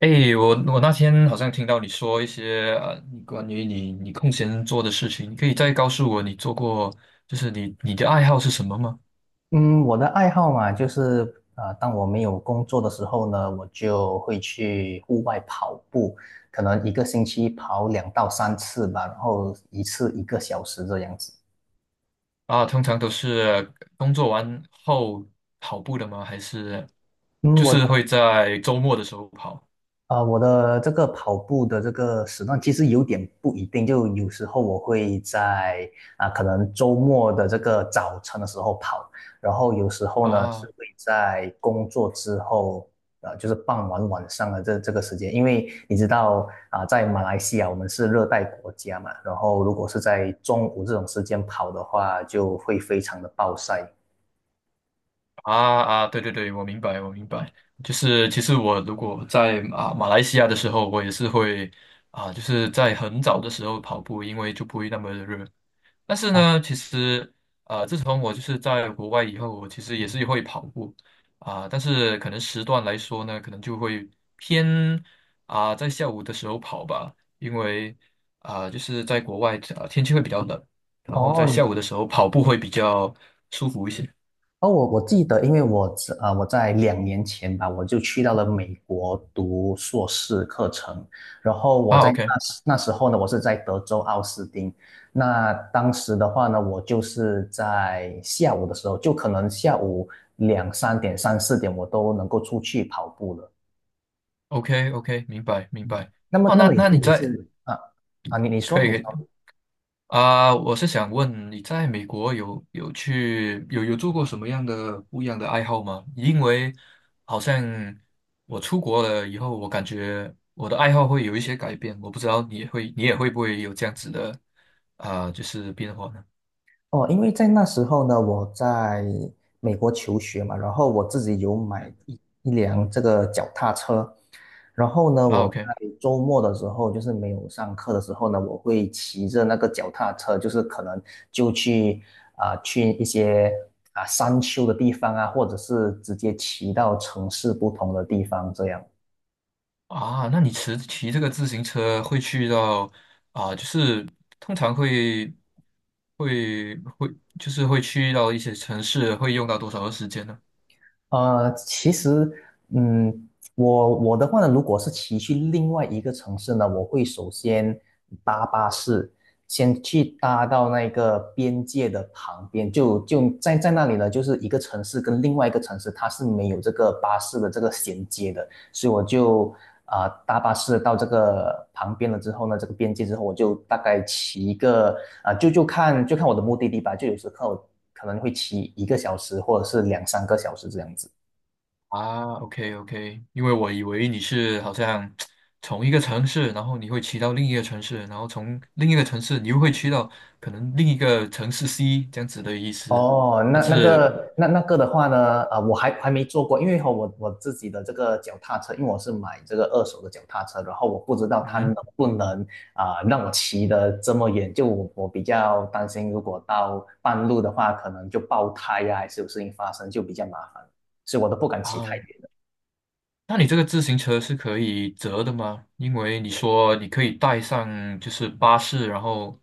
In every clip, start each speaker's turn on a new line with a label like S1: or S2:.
S1: 诶，我那天好像听到你说一些你关于你空闲做的事情，你可以再告诉我你做过，就是你的爱好是什么吗？
S2: 嗯，我的爱好嘛，就是当我没有工作的时候呢，我就会去户外跑步，可能1个星期跑2到3次吧，然后一次一个小时这样子。
S1: 啊，通常都是工作完后跑步的吗？还是
S2: 嗯，
S1: 就是会在周末的时候跑？
S2: 我的这个跑步的这个时段其实有点不一定，就有时候我会在可能周末的这个早晨的时候跑，然后有时候呢是
S1: 啊
S2: 会在工作之后，就是傍晚晚上的这个时间，因为你知道在马来西亚我们是热带国家嘛，然后如果是在中午这种时间跑的话，就会非常的暴晒。
S1: 啊啊！对对对，我明白，我明白。就是其实我如果在啊马来西亚的时候，我也是会啊，就是在很早的时候跑步，因为就不会那么的热。但是呢，其实自从我就是在国外以后，我其实也是会跑步啊、但是可能时段来说呢，可能就会偏啊、在下午的时候跑吧，因为啊、就是在国外天气会比较冷，然后在
S2: 哦，
S1: 下午的时候跑步会比较舒服一些
S2: 哦，我记得，因为我在2年前吧，我就去到了美国读硕士课程，然后我
S1: 啊。
S2: 在
S1: OK
S2: 那时候呢，我是在德州奥斯汀。那当时的话呢，我就是在下午的时候，就可能下午2、3点、3、4点，我都能够出去跑步了。
S1: OK，明白明白。
S2: 那么，
S1: 哦，
S2: 那
S1: 那
S2: 么你
S1: 那
S2: 是
S1: 你
S2: 你
S1: 在
S2: 是你你说
S1: 可以
S2: 你
S1: 可
S2: 说，
S1: 以啊，我是想问你在美国有去有做过什么样的不一样的爱好吗？因为好像我出国了以后，我感觉我的爱好会有一些改变，我不知道你也会你也会不会有这样子的啊、就是变化呢？
S2: 哦，因为在那时候呢，我在美国求学嘛，然后我自己有买
S1: 嗯，
S2: 一辆这个脚踏车，然后呢，
S1: 啊
S2: 我在
S1: ，OK，
S2: 周末的时候，就是没有上课的时候呢，我会骑着那个脚踏车，就是可能就去啊、去一些山丘的地方啊，或者是直接骑到城市不同的地方这样。
S1: 啊，那你骑这个自行车会去到啊，就是通常会会就是会去到一些城市，会用到多少的时间呢？
S2: 其实，嗯，我的话呢，如果是骑去另外一个城市呢，我会首先搭巴士，先去搭到那个边界的旁边，就在那里呢，就是一个城市跟另外一个城市，它是没有这个巴士的这个衔接的，所以我就搭巴士到这个旁边了之后呢，这个边界之后，我就大概骑一个啊、呃就就看就看我的目的地吧，就有时候可能会骑一个小时或者是2、3个小时这样子。
S1: 啊，OK OK，因为我以为你是好像从一个城市，然后你会骑到另一个城市，然后从另一个城市你又会骑到可能另一个城市 C 这样子的意思。
S2: 哦，那
S1: 但
S2: 那嗯
S1: 是，
S2: 个那那个的话呢，啊，我还没做过，因为和我自己的这个脚踏车，因为我是买这个二手的脚踏车，然后我不知道
S1: 嗯
S2: 它能
S1: 哼
S2: 不能让我骑得这么远，就我比较担心，如果到半路的话，可能就爆胎呀、还是有事情发生，就比较麻烦，所以我都不敢骑太
S1: 啊，
S2: 远的。
S1: 那你这个自行车是可以折的吗？因为你说你可以带上就是巴士，然后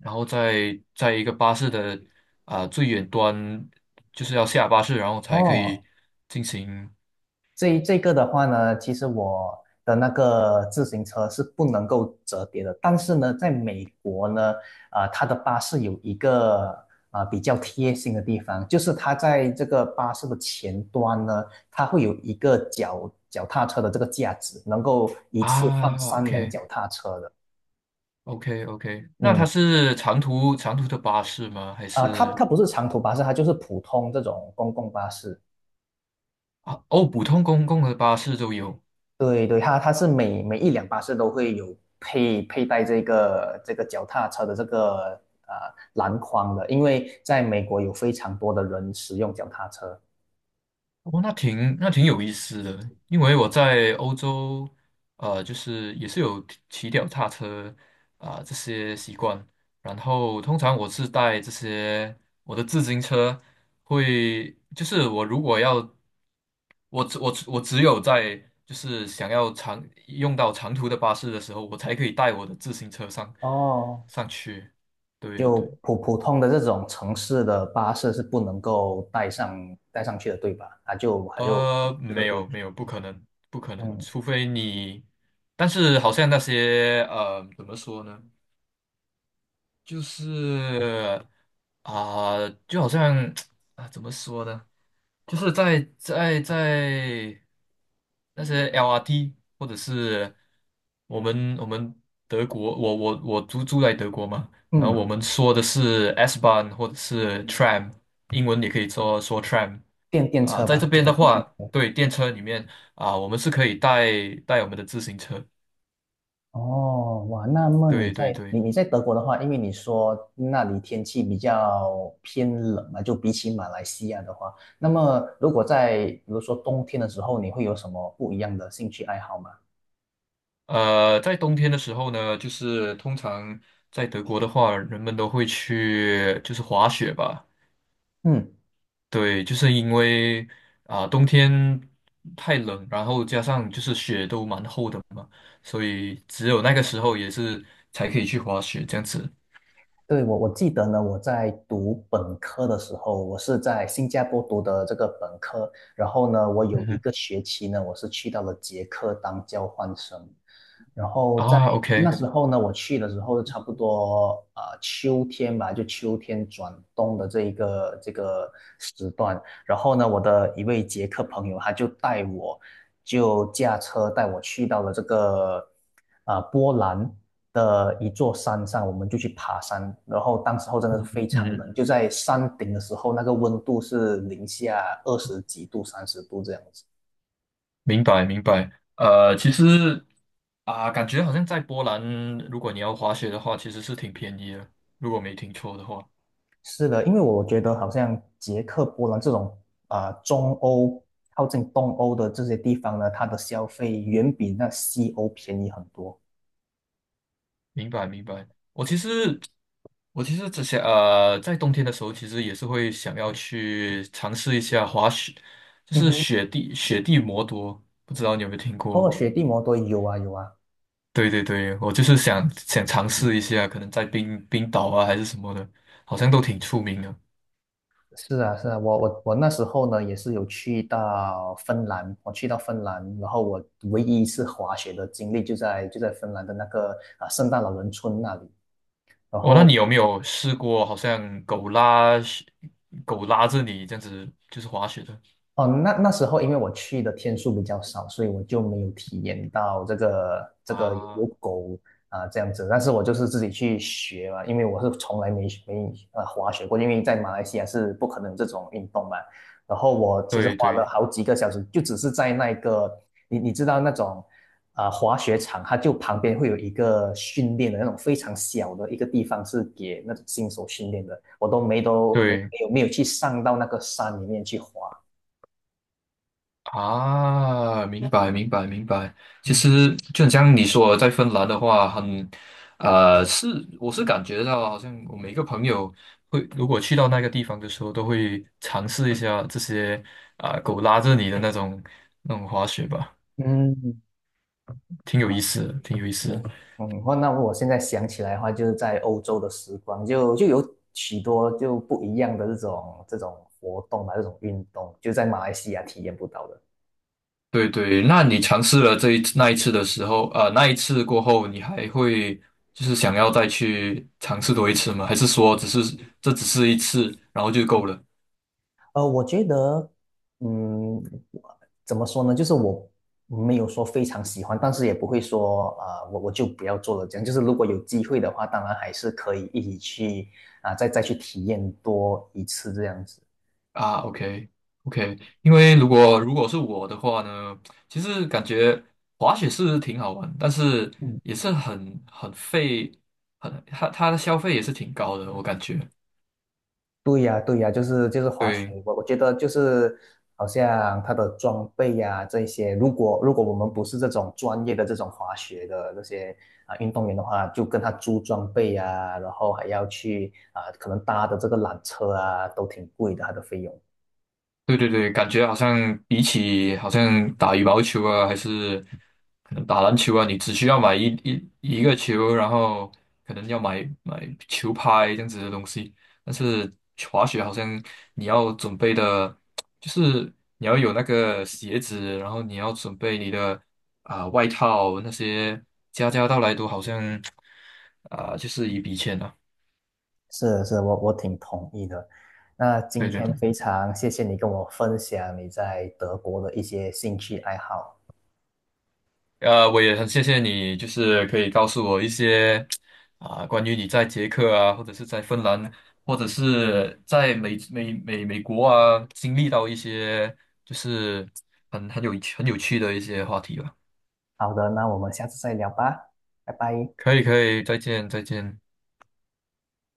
S1: 然后再在一个巴士的啊、最远端，就是要下巴士，然后才可
S2: 哦，
S1: 以进行
S2: 这个的话呢，其实我的那个自行车是不能够折叠的，但是呢，在美国呢，它的巴士有一个比较贴心的地方，就是它在这个巴士的前端呢，它会有一个脚踏车的这个架子，能够一次放
S1: 啊
S2: 3辆
S1: ，OK。
S2: 脚踏车的。
S1: OK OK，那它
S2: 嗯，
S1: 是长途长途的巴士吗？还
S2: 它
S1: 是
S2: 它不是长途巴士，它就是普通这种公共巴士。
S1: 啊？哦，普通公共的巴士都有。
S2: 对对，它是每一辆巴士都会有佩戴这个脚踏车的这个呃篮筐的，因为在美国有非常多的人使用脚踏车。
S1: 哦，那挺那挺有意思的，因为我在欧洲，就是也是有骑脚踏车啊、这些习惯，然后通常我是带这些我的自行车会，就是我如果要，我只有在就是想要长用到长途的巴士的时候，我才可以带我的自行车上
S2: 哦，
S1: 上去，对
S2: 就
S1: 对。
S2: 普通的这种城市的巴士是不能够带上去的，对吧？它就这个
S1: 没
S2: 规
S1: 有
S2: 矩。
S1: 没有，不可能，不可能，
S2: 嗯
S1: 除非你，但是好像那些怎么说呢，就是啊、就好像 啊，怎么说呢，就是在那些 LRT 或者是我们德国，我住在德国嘛，然后
S2: 嗯，
S1: 我们说的是 S-Bahn 或者是 tram，英文也可以说 tram。
S2: 电
S1: 啊，
S2: 车
S1: 在
S2: 吧。
S1: 这边的话，对，电车里面啊，我们是可以带带我们的自行车。
S2: 哦，哇，那么你
S1: 对对
S2: 在
S1: 对，
S2: 你在德国的话，因为你说那里天气比较偏冷嘛，就比起马来西亚的话，那么如果在比如说冬天的时候，你会有什么不一样的兴趣爱好吗？
S1: 呃，在冬天的时候呢，就是通常在德国的话，人们都会去就是滑雪吧。
S2: 嗯，
S1: 对，就是因为啊，冬天太冷，然后加上就是雪都蛮厚的嘛，所以只有那个时候也是才可以去滑雪这样子。
S2: 对，我记得呢，我在读本科的时候，我是在新加坡读的这个本科，然后呢，我有
S1: 嗯
S2: 一
S1: 哼，
S2: 个学期呢，我是去到了捷克当交换生，然后在
S1: 啊
S2: 在那
S1: ，OK，
S2: 时候呢，我去的时候差不多秋天吧，就秋天转冬的这个时段，然后呢，我的一位捷克朋友他就带我，就驾车带我去到了这个波兰的一座山上，我们就去爬山。然后当时候真的是非常
S1: 嗯
S2: 冷，就在山顶的时候，那个温度是零下20几度、30度这样子。
S1: 明白明白。呃，其实。啊，感觉好像在波兰，如果你要滑雪的话，其实是挺便宜的，如果没听错的话。
S2: 是的，因为我觉得好像捷克、波兰这种中欧靠近东欧的这些地方呢，它的消费远比那西欧便宜很多。
S1: 明白，明白。我其实，我其实之前在冬天的时候，其实也是会想要去尝试一下滑雪，就
S2: 嗯
S1: 是
S2: 哼，
S1: 雪地摩托，不知道你有没有听
S2: 哦，
S1: 过？
S2: 雪地摩托有啊有啊。
S1: 对对对，我就是想尝试一下，可能在冰岛啊还是什么的，好像都挺出名的。
S2: 是啊，是啊，我那时候呢也是有去到芬兰，我去到芬兰，然后我唯一一次滑雪的经历就在芬兰的那个圣诞老人村那里。然
S1: 哦，那
S2: 后
S1: 你有没有试过，好像狗拉狗拉着你这样子，就是滑雪的？
S2: 哦，那时候因为我去的天数比较少，所以我就没有体验到这个有
S1: 啊，
S2: 狗这样子。但是我就是自己去学嘛，因为我是从来没滑雪过，因为在马来西亚是不可能这种运动嘛。然后我其实
S1: 对
S2: 花了
S1: 对
S2: 好几个小时，就只是在那个你知道那种滑雪场，它就旁边会有一个训练的那种非常小的一个地方，是给那种新手训练的。我都没都没
S1: 对
S2: 没有没有去上到那个山里面去滑。
S1: 啊，明白明白明白。其实就很像你说的，在芬兰的话，很是我是感觉到，好像我每个朋友会，如果去到那个地方的时候，都会尝试一下这些啊、狗拉着你的那种那种滑雪吧，
S2: 嗯，
S1: 挺有
S2: 哇，
S1: 意思的，挺有意思
S2: 对，
S1: 的。
S2: 嗯，哇，那我现在想起来的话，就是在欧洲的时光，就有许多不一样的这种活动吧，这种运动，就在马来西亚体验不到的。
S1: 对对，那你尝试了这一次那一次的时候，那一次过后，你还会就是想要再去尝试多一次吗？还是说只是这只是一次，然后就够了
S2: 我觉得，嗯，怎么说呢？就是我没有说非常喜欢，但是也不会说，啊，我就不要做了这样。就是如果有机会的话，当然还是可以一起去再去体验多一次这样子。
S1: 啊？OK OK，因为如果如果是我的话呢，其实感觉滑雪是挺好玩，但是
S2: 嗯。
S1: 也是很费，很它的消费也是挺高的，我感觉。
S2: 对呀，对呀，就是滑雪，
S1: 对。
S2: 我觉得就是好像它的装备呀、这些，如果我们不是这种专业的这种滑雪的这些运动员的话，就跟他租装备呀、然后还要去可能搭的这个缆车啊，都挺贵的，它的费用。
S1: 对对对，感觉好像比起好像打羽毛球啊，还是可能打篮球啊，你只需要买一一个球，然后可能要买球拍这样子的东西。但是滑雪好像你要准备的，就是你要有那个鞋子，然后你要准备你的啊、外套那些，家家到来都好像啊、就是一笔钱啊。
S2: 是是，我挺同意的。那今
S1: 对对
S2: 天
S1: 对。
S2: 非常谢谢你跟我分享你在德国的一些兴趣爱好。
S1: 呃，我也很谢谢你，就是可以告诉我一些啊、关于你在捷克啊，或者是在芬兰，或者是在美国啊，经历到一些就是很有趣的一些话题吧。
S2: 好的，那我们下次再聊吧，拜拜。
S1: 可以，可以，再见，再见。